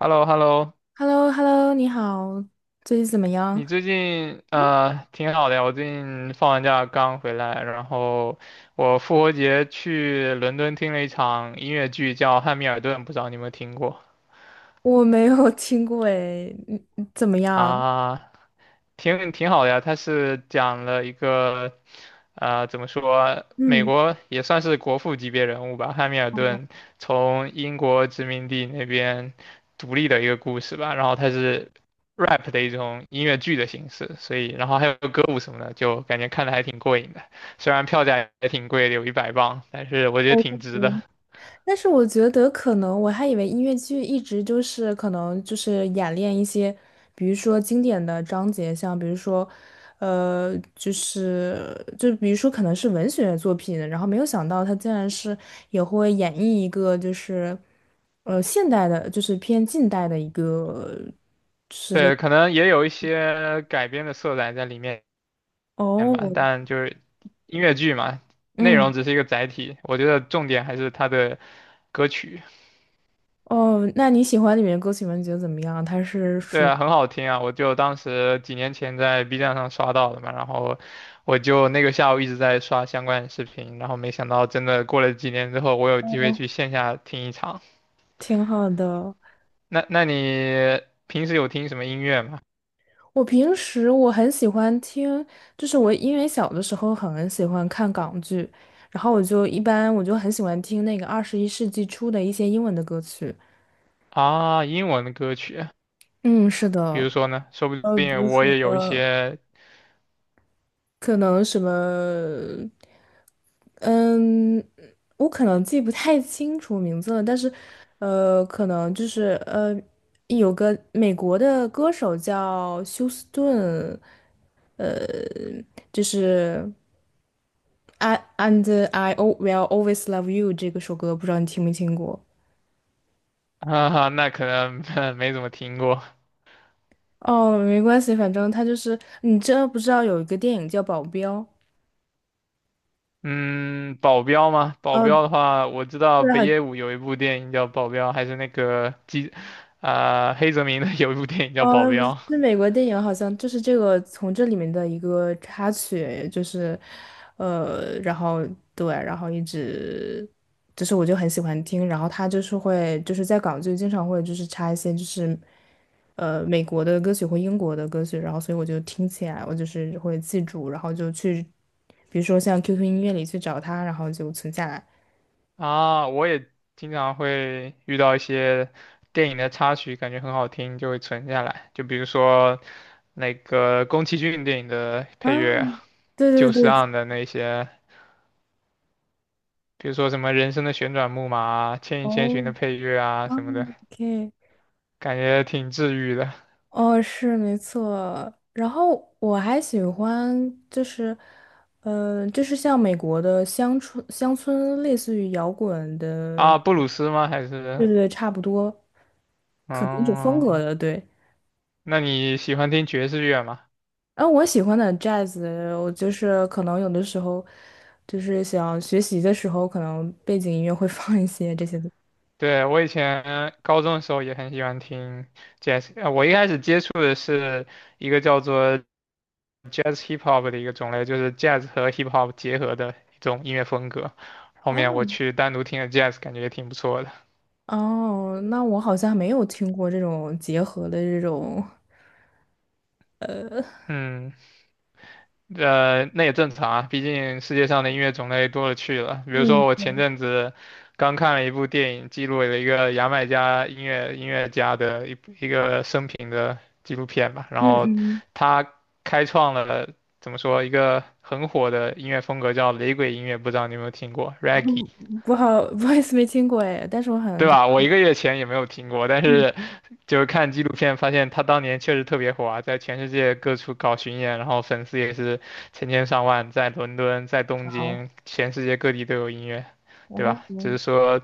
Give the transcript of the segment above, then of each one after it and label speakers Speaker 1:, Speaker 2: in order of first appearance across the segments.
Speaker 1: h e l l o h e l l o
Speaker 2: h e l l o h e l l o 你好，最近怎么样？
Speaker 1: 你最近挺好的呀，我最近放完假刚回来，然后我复活节去伦敦听了一场音乐剧，叫《汉密尔顿》，不知道你有没有听过
Speaker 2: 我没有听过诶，嗯，怎么样？
Speaker 1: 啊？挺好的呀，它是讲了一个，怎么说，美
Speaker 2: 嗯，
Speaker 1: 国也算是国父级别人物吧，汉密尔
Speaker 2: 哦，
Speaker 1: 顿从英国殖民地那边独立的一个故事吧。然后它是 rap 的一种音乐剧的形式，所以然后还有歌舞什么的，就感觉看的还挺过瘾的。虽然票价也挺贵的，有100 磅，但是我觉得
Speaker 2: 我确
Speaker 1: 挺
Speaker 2: 实
Speaker 1: 值的。
Speaker 2: 但是我觉得可能我还以为音乐剧一直就是可能就是演练一些，比如说经典的章节，像比如说，呃，就是就比如说可能是文学作品，然后没有想到它竟然是也会演绎一个就是，现代的，就是偏近代的一个，
Speaker 1: 对，可能也有一些改编的色彩在里面，片吧，
Speaker 2: 哦，
Speaker 1: 但就是音乐剧嘛，内容
Speaker 2: 嗯。
Speaker 1: 只是一个载体，我觉得重点还是它的歌曲。
Speaker 2: 哦，那你喜欢里面的歌曲吗？你觉得怎么样？它是
Speaker 1: 对
Speaker 2: 属于
Speaker 1: 啊，很好听啊，我就当时几年前在 B 站上刷到的嘛，然后我就那个下午一直在刷相关的视频，然后没想到真的过了几年之后，我有机会
Speaker 2: 哦，
Speaker 1: 去线下听一场。
Speaker 2: 挺好的。
Speaker 1: 那你平时有听什么音乐吗？
Speaker 2: 我平时我很喜欢听，就是我因为小的时候很喜欢看港剧，然后我就一般我就很喜欢听那个21世纪初的一些英文的歌曲。
Speaker 1: 啊，英文的歌曲，
Speaker 2: 嗯，是
Speaker 1: 比
Speaker 2: 的，
Speaker 1: 如说呢，说不
Speaker 2: 比如
Speaker 1: 定我
Speaker 2: 说
Speaker 1: 也有一些，
Speaker 2: 可能什么。嗯，我可能记不太清楚名字了，但是，可能就是有个美国的歌手叫休斯顿，就是 I and I will always love you 这个首歌，不知道你听没听过？
Speaker 1: 哈哈，那可能 没怎么听过。
Speaker 2: 哦，没关系，反正他就是你知道不知道有一个电影叫《保镖》？
Speaker 1: 嗯，保镖吗？保
Speaker 2: 哦，
Speaker 1: 镖的话，我知道
Speaker 2: 对，
Speaker 1: 北野武有一部电影叫《保镖》，还是那个基，啊、黑泽明的 有一部电影叫《保
Speaker 2: 哦，不
Speaker 1: 镖》
Speaker 2: 是，是美国电影好像就是这个从这里面的一个插曲，就是，然后对，然后一直，就是我就很喜欢听，然后他就是会就是在港剧经常会就是插一些就是美国的歌曲或英国的歌曲，然后所以我就听起来我就是会记住，然后就去，比如说像 QQ 音乐里去找它，然后就存下来。
Speaker 1: 啊。我也经常会遇到一些电影的插曲，感觉很好听，就会存下来。就比如说那个宫崎骏电影的
Speaker 2: 啊，
Speaker 1: 配乐，
Speaker 2: 对
Speaker 1: 久石
Speaker 2: 对对，
Speaker 1: 让的那些，比如说什么《人生的旋转木马》啊，《千与千
Speaker 2: 哦，
Speaker 1: 寻》的配乐啊
Speaker 2: 啊
Speaker 1: 什么的，
Speaker 2: ，OK。
Speaker 1: 感觉挺治愈的
Speaker 2: 哦，是没错。然后我还喜欢，就是，就是像美国的乡村，类似于摇滚的，
Speaker 1: 啊。布鲁斯吗？还是
Speaker 2: 对对，差不多，可能一种风
Speaker 1: 嗯。
Speaker 2: 格的，对。
Speaker 1: 那你喜欢听爵士乐吗？
Speaker 2: 然后我喜欢的 jazz，我就是可能有的时候，就是想学习的时候，可能背景音乐会 放一些这些的。
Speaker 1: 对，我以前高中的时候也很喜欢听 jazz，我一开始接触的是一个叫做 jazz hip hop 的一个种类，就是 jazz 和 hip hop 结合的一种音乐风格。后
Speaker 2: 哦
Speaker 1: 面我去单独听了 jazz，感觉也挺不错的。
Speaker 2: 哦，那我好像没有听过这种结合的这种，
Speaker 1: 嗯，那也正常啊，毕竟世界上的音乐种类多了去了。比如说，我
Speaker 2: 嗯
Speaker 1: 前阵子刚看了一部电影，记录了一个牙买加音乐家的一个生平的纪录片吧。然
Speaker 2: 嗯
Speaker 1: 后
Speaker 2: 嗯。
Speaker 1: 他开创了怎么说一个很火的音乐风格，叫雷鬼音乐，不知道你有没有听过 Reggae，
Speaker 2: 不好，不好意思，没听过哎，但是我很
Speaker 1: 对
Speaker 2: 感
Speaker 1: 吧？我1 个月前也没有听过，但
Speaker 2: 嗯，
Speaker 1: 是就是看纪录片发现他当年确实特别火啊，在全世界各处搞巡演，然后粉丝也是成千上万，在伦敦、在东
Speaker 2: 好，
Speaker 1: 京，全世界各地都有音乐，
Speaker 2: 然
Speaker 1: 对
Speaker 2: 后
Speaker 1: 吧？只是
Speaker 2: 呢
Speaker 1: 说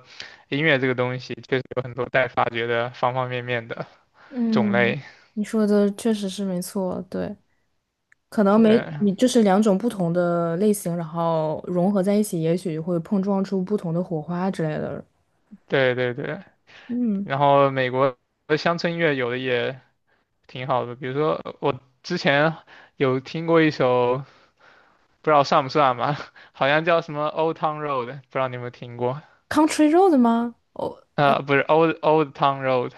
Speaker 1: 音乐这个东西确实有很多待发掘的方方面面的
Speaker 2: 嗯，
Speaker 1: 种
Speaker 2: 嗯
Speaker 1: 类，
Speaker 2: 你说的确实是没错，对，可能没
Speaker 1: 对，
Speaker 2: 你就是两种不同的类型，然后融合在一起，也许会碰撞出不同的火花之类的。
Speaker 1: 对对对。
Speaker 2: 嗯
Speaker 1: 然后美国的乡村音乐有的也挺好的，比如说我之前有听过一首，不知道算不算吧，好像叫什么《Old Town Road》，不知道你有没有听过。
Speaker 2: ，Country Road 吗？Old
Speaker 1: 不是 Old Old Town Road，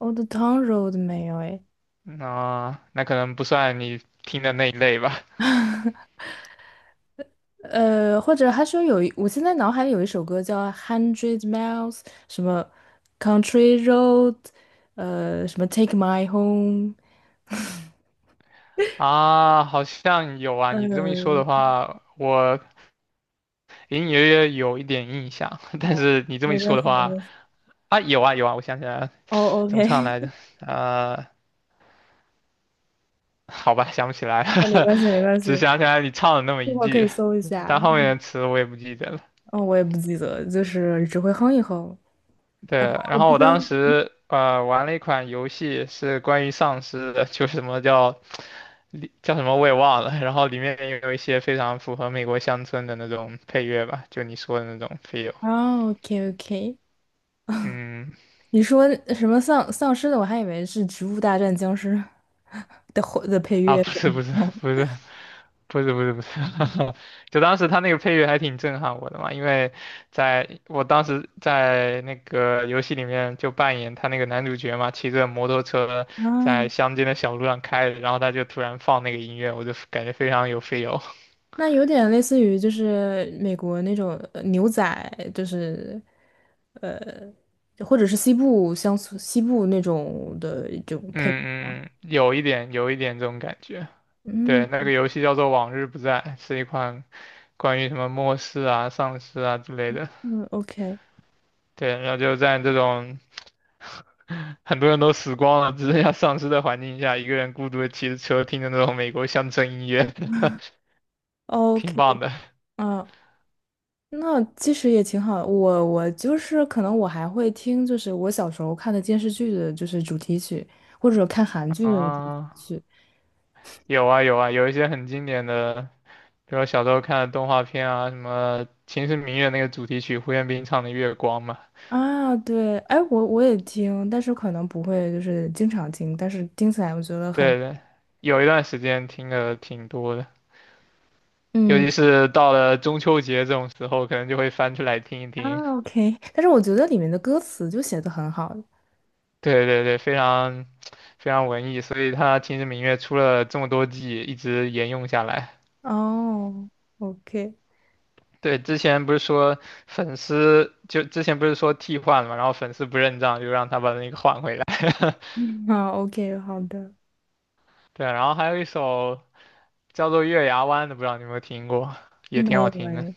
Speaker 2: Old Town Road 没有哎，
Speaker 1: 那可能不算你听的那一类吧。
Speaker 2: 或者还说我现在脑海里有一首歌叫《Hundred Miles》，什么 Country Road，什么 Take My Home。
Speaker 1: 啊，好像有啊，你这么一说
Speaker 2: 嗯
Speaker 1: 的话，我隐隐约约有一点印象，但
Speaker 2: 哦，
Speaker 1: 是你这么
Speaker 2: 没
Speaker 1: 一
Speaker 2: 关
Speaker 1: 说的
Speaker 2: 系，没
Speaker 1: 话，
Speaker 2: 关系。
Speaker 1: 啊，有啊有啊，我想起来了，
Speaker 2: 哦
Speaker 1: 怎么
Speaker 2: ，OK，
Speaker 1: 唱来着？呃，好吧，想不起来
Speaker 2: 哦，没
Speaker 1: 了，
Speaker 2: 关系，没 关
Speaker 1: 只
Speaker 2: 系，
Speaker 1: 想起来你唱了那么
Speaker 2: 一
Speaker 1: 一
Speaker 2: 会儿可以
Speaker 1: 句，
Speaker 2: 搜一下。
Speaker 1: 但后面的词我也不记得了。
Speaker 2: 哦，我也不记得，就是只会哼一哼。
Speaker 1: 对，
Speaker 2: 我
Speaker 1: 然后
Speaker 2: 不
Speaker 1: 我
Speaker 2: 知道。
Speaker 1: 当时玩了一款游戏，是关于丧尸的，就是什么叫里叫什么我也忘了，然后里面也有一些非常符合美国乡村的那种配乐吧，就你说的那种 feel。
Speaker 2: 哦，OK OK，
Speaker 1: 嗯，
Speaker 2: 你说什么丧尸的？我还以为是《植物大战僵尸 <laughs>》的后的配
Speaker 1: 啊，
Speaker 2: 乐
Speaker 1: 不
Speaker 2: 什
Speaker 1: 是
Speaker 2: 么
Speaker 1: 不是不
Speaker 2: 的。
Speaker 1: 是不是不是不是，就当时他那个配乐还挺震撼我的嘛，因为在我当时在那个游戏里面就扮演他那个男主角嘛，骑着摩托车
Speaker 2: 啊，
Speaker 1: 在乡间的小路上开着，然后他就突然放那个音乐，我就感觉非常有 feel。
Speaker 2: 那有点类似于就是美国那种牛仔，就是或者是西部乡村西部那种的一种配乐。
Speaker 1: 嗯嗯嗯，有一点有一点这种感觉。对，那
Speaker 2: 嗯
Speaker 1: 个游戏叫做《往日不再》，是一款关于什么末世啊、丧尸啊之类的。
Speaker 2: 嗯，OK
Speaker 1: 对，然后就在这种 很多人都死光了，只剩下丧尸的环境下，一个人孤独的骑着车，听着那种美国乡村音乐，挺
Speaker 2: OK，
Speaker 1: 棒的
Speaker 2: 啊。那其实也挺好的。我就是可能我还会听，就是我小时候看的电视剧的，就是主题曲，或者看韩剧的主题
Speaker 1: 啊。
Speaker 2: 曲
Speaker 1: 有啊有啊，有一些很经典的，比如小时候看的动画片啊，什么《秦时明月》那个主题曲，胡彦斌唱的《月光》嘛。
Speaker 2: 啊。对，哎，我也听，但是可能不会就是经常听，但是听起来我觉得很
Speaker 1: 对对，有一段时间听的挺多的。尤
Speaker 2: 嗯
Speaker 1: 其是到了中秋节这种时候，可能就会翻出来听一听。
Speaker 2: 啊 OK，但是我觉得里面的歌词就写的很好。
Speaker 1: 对对对，非常非常文艺，所以他《秦时明月》出了这么多季，一直沿用下来。
Speaker 2: 哦，OK，
Speaker 1: 对，之前不是说粉丝就之前不是说替换嘛，然后粉丝不认账，就让他把那个换回来。
Speaker 2: 嗯，好，OK，好的，
Speaker 1: 对，然后还有一首叫做《月牙湾》的，不知道你有没有听过，也挺
Speaker 2: 没
Speaker 1: 好
Speaker 2: 有
Speaker 1: 听的。
Speaker 2: 哎，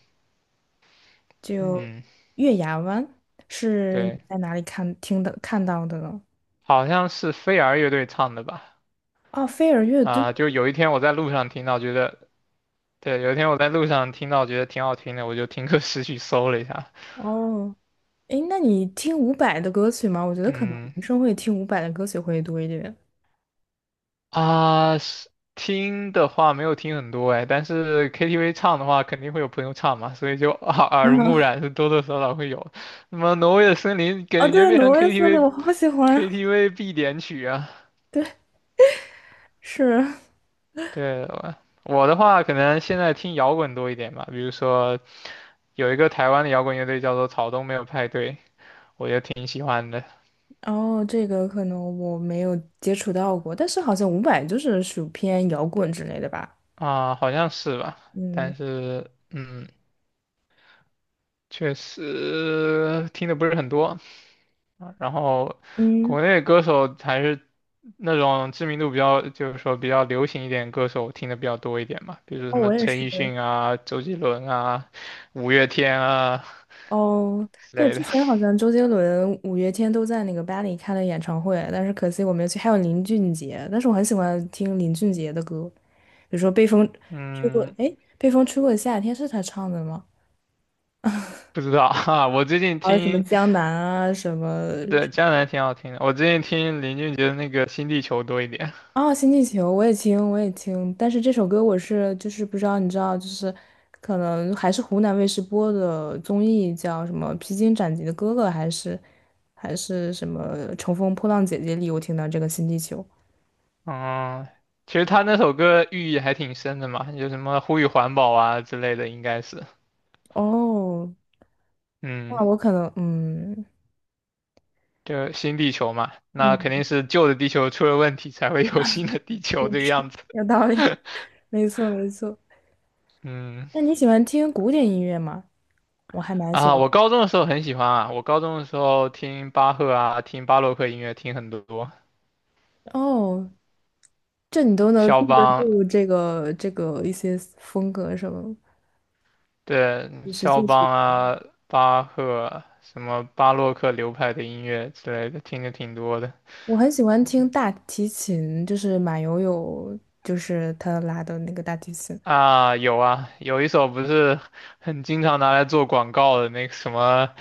Speaker 2: 就
Speaker 1: 嗯，
Speaker 2: 月牙湾是
Speaker 1: 对，
Speaker 2: 在哪里看到的呢？
Speaker 1: 好像是飞儿乐队唱的吧？
Speaker 2: 哦，飞儿乐队
Speaker 1: 啊、就有一天我在路上听到，觉得对，有一天我在路上听到，觉得挺好听的，我就听歌识曲 搜了一下。
Speaker 2: 哦，诶，那你听伍佰的歌曲吗？我觉得可能
Speaker 1: 嗯
Speaker 2: 男生会听伍佰的歌曲会多一点。
Speaker 1: 啊，是听的话没有听很多哎，但是 KTV 唱的话，肯定会有朋友唱嘛，所以就耳濡目
Speaker 2: 嗯，
Speaker 1: 染，是多多少少会有。那么《挪威的森林》
Speaker 2: 哦，
Speaker 1: 感觉
Speaker 2: 对，
Speaker 1: 变
Speaker 2: 挪
Speaker 1: 成
Speaker 2: 威森林
Speaker 1: KTV
Speaker 2: 我好喜欢，
Speaker 1: KTV 必点曲啊。
Speaker 2: 是。
Speaker 1: 对，我的话可能现在听摇滚多一点吧，比如说有一个台湾的摇滚乐队叫做草东没有派对，我就挺喜欢的
Speaker 2: 哦，这个可能我没有接触到过，但是好像伍佰就是属偏摇滚之类的吧。
Speaker 1: 啊，好像是吧，
Speaker 2: 嗯
Speaker 1: 但是。嗯，确实听的不是很多，然后
Speaker 2: 嗯，
Speaker 1: 国内歌手还是那种知名度比较，就是说比较流行一点歌手听的比较多一点嘛，比如说什
Speaker 2: 哦，
Speaker 1: 么
Speaker 2: 我也
Speaker 1: 陈
Speaker 2: 是。
Speaker 1: 奕迅啊、周杰伦啊、五月天啊
Speaker 2: 哦，
Speaker 1: 之
Speaker 2: 对，
Speaker 1: 类
Speaker 2: 之
Speaker 1: 的。
Speaker 2: 前好像周杰伦、五月天都在那个巴黎开了演唱会，但是可惜我没有去。还有林俊杰，但是我很喜欢听林俊杰的歌。比如说被风吹过，
Speaker 1: 嗯，
Speaker 2: 哎，被风吹过的夏天是他唱的吗？
Speaker 1: 不知道哈、我最近
Speaker 2: 还有什么
Speaker 1: 听，
Speaker 2: 江南啊，什么
Speaker 1: 对，江南挺好听的，我最近听林俊杰的那个《新地球》多一点。
Speaker 2: 啊，新地球我也听，我也听，但是这首歌就是不知道，你知道，就是可能还是湖南卫视播的综艺，叫什么《披荆斩棘的哥哥》，还是什么《乘风破浪姐姐》里，我听到这个新地球。
Speaker 1: 嗯，其实他那首歌寓意还挺深的嘛，有什么呼吁环保啊之类的，应该是。
Speaker 2: 哦，
Speaker 1: 嗯。
Speaker 2: 那我可能，嗯
Speaker 1: 就新地球嘛，那肯定
Speaker 2: 嗯，
Speaker 1: 是旧的地球出了问题，才会有 新的地球这个样子。
Speaker 2: 有道理，没错没错。
Speaker 1: 嗯，
Speaker 2: 那你喜欢听古典音乐吗？我还蛮喜
Speaker 1: 啊，
Speaker 2: 欢。
Speaker 1: 我高中的时候很喜欢啊，我高中的时候听巴赫啊，听巴洛克音乐听很多，
Speaker 2: 哦，这你都能
Speaker 1: 肖
Speaker 2: 记得
Speaker 1: 邦，
Speaker 2: 住这个一些风格什么，
Speaker 1: 对，
Speaker 2: 就是
Speaker 1: 肖
Speaker 2: 作曲。
Speaker 1: 邦啊，巴赫，什么巴洛克流派的音乐之类的，听的挺多的。
Speaker 2: 我很喜欢听大提琴，就是马友友，就是他拉的那个大提琴。
Speaker 1: 啊，有啊，有一首不是很经常拿来做广告的那个什么，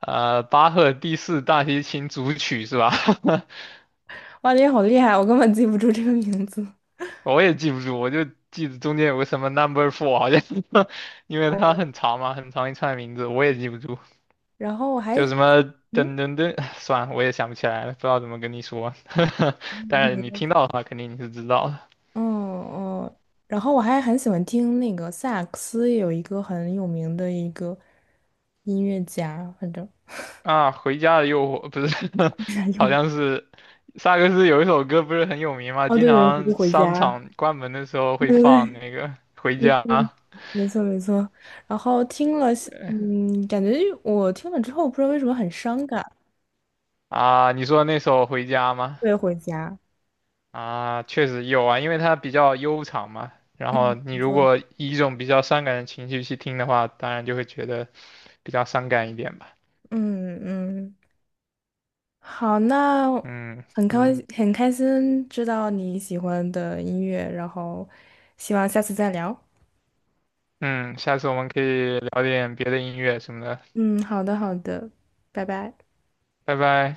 Speaker 1: 巴赫第四大提琴组曲是吧？
Speaker 2: 哇，你好厉害，我根本记不住这个名字。
Speaker 1: 我也记不住，我就记得中间有个什么 number 4，好像 因为它
Speaker 2: 哦，
Speaker 1: 很长嘛，很长一串名字，我也记不住，
Speaker 2: 然后我还
Speaker 1: 就什么
Speaker 2: 嗯
Speaker 1: 噔噔噔，算了，我也想不起来了，不知道怎么跟你说，但是你 听到的话，肯定你是知道的
Speaker 2: 嗯哦，然后我还很喜欢听那个萨克斯，有一个很有名的一个音乐家，反正
Speaker 1: 啊。回家的诱惑不是，好
Speaker 2: 有
Speaker 1: 像是萨克斯有一首歌不是很有名嘛，
Speaker 2: 哦，
Speaker 1: 经
Speaker 2: 对
Speaker 1: 常
Speaker 2: 对，回
Speaker 1: 商
Speaker 2: 家。
Speaker 1: 场关门的时候
Speaker 2: 对
Speaker 1: 会
Speaker 2: 对
Speaker 1: 放
Speaker 2: 对，
Speaker 1: 那个回家
Speaker 2: 没错没错。然后听了，感觉我听了之后，不知道为什么很伤感，
Speaker 1: 啊，你说那首回家吗？
Speaker 2: 对，回家。
Speaker 1: 啊，确实有啊，因为它比较悠长嘛。然后
Speaker 2: 嗯，
Speaker 1: 你
Speaker 2: 你
Speaker 1: 如
Speaker 2: 说，
Speaker 1: 果以一种比较伤感的情绪去听的话，当然就会觉得比较伤感一点吧。
Speaker 2: 嗯嗯，好，那
Speaker 1: 嗯
Speaker 2: 很开
Speaker 1: 嗯
Speaker 2: 很开心知道你喜欢的音乐，然后希望下次再聊。
Speaker 1: 嗯，下次我们可以聊点别的音乐什么的。
Speaker 2: 嗯，好的好的，拜拜。
Speaker 1: 拜拜。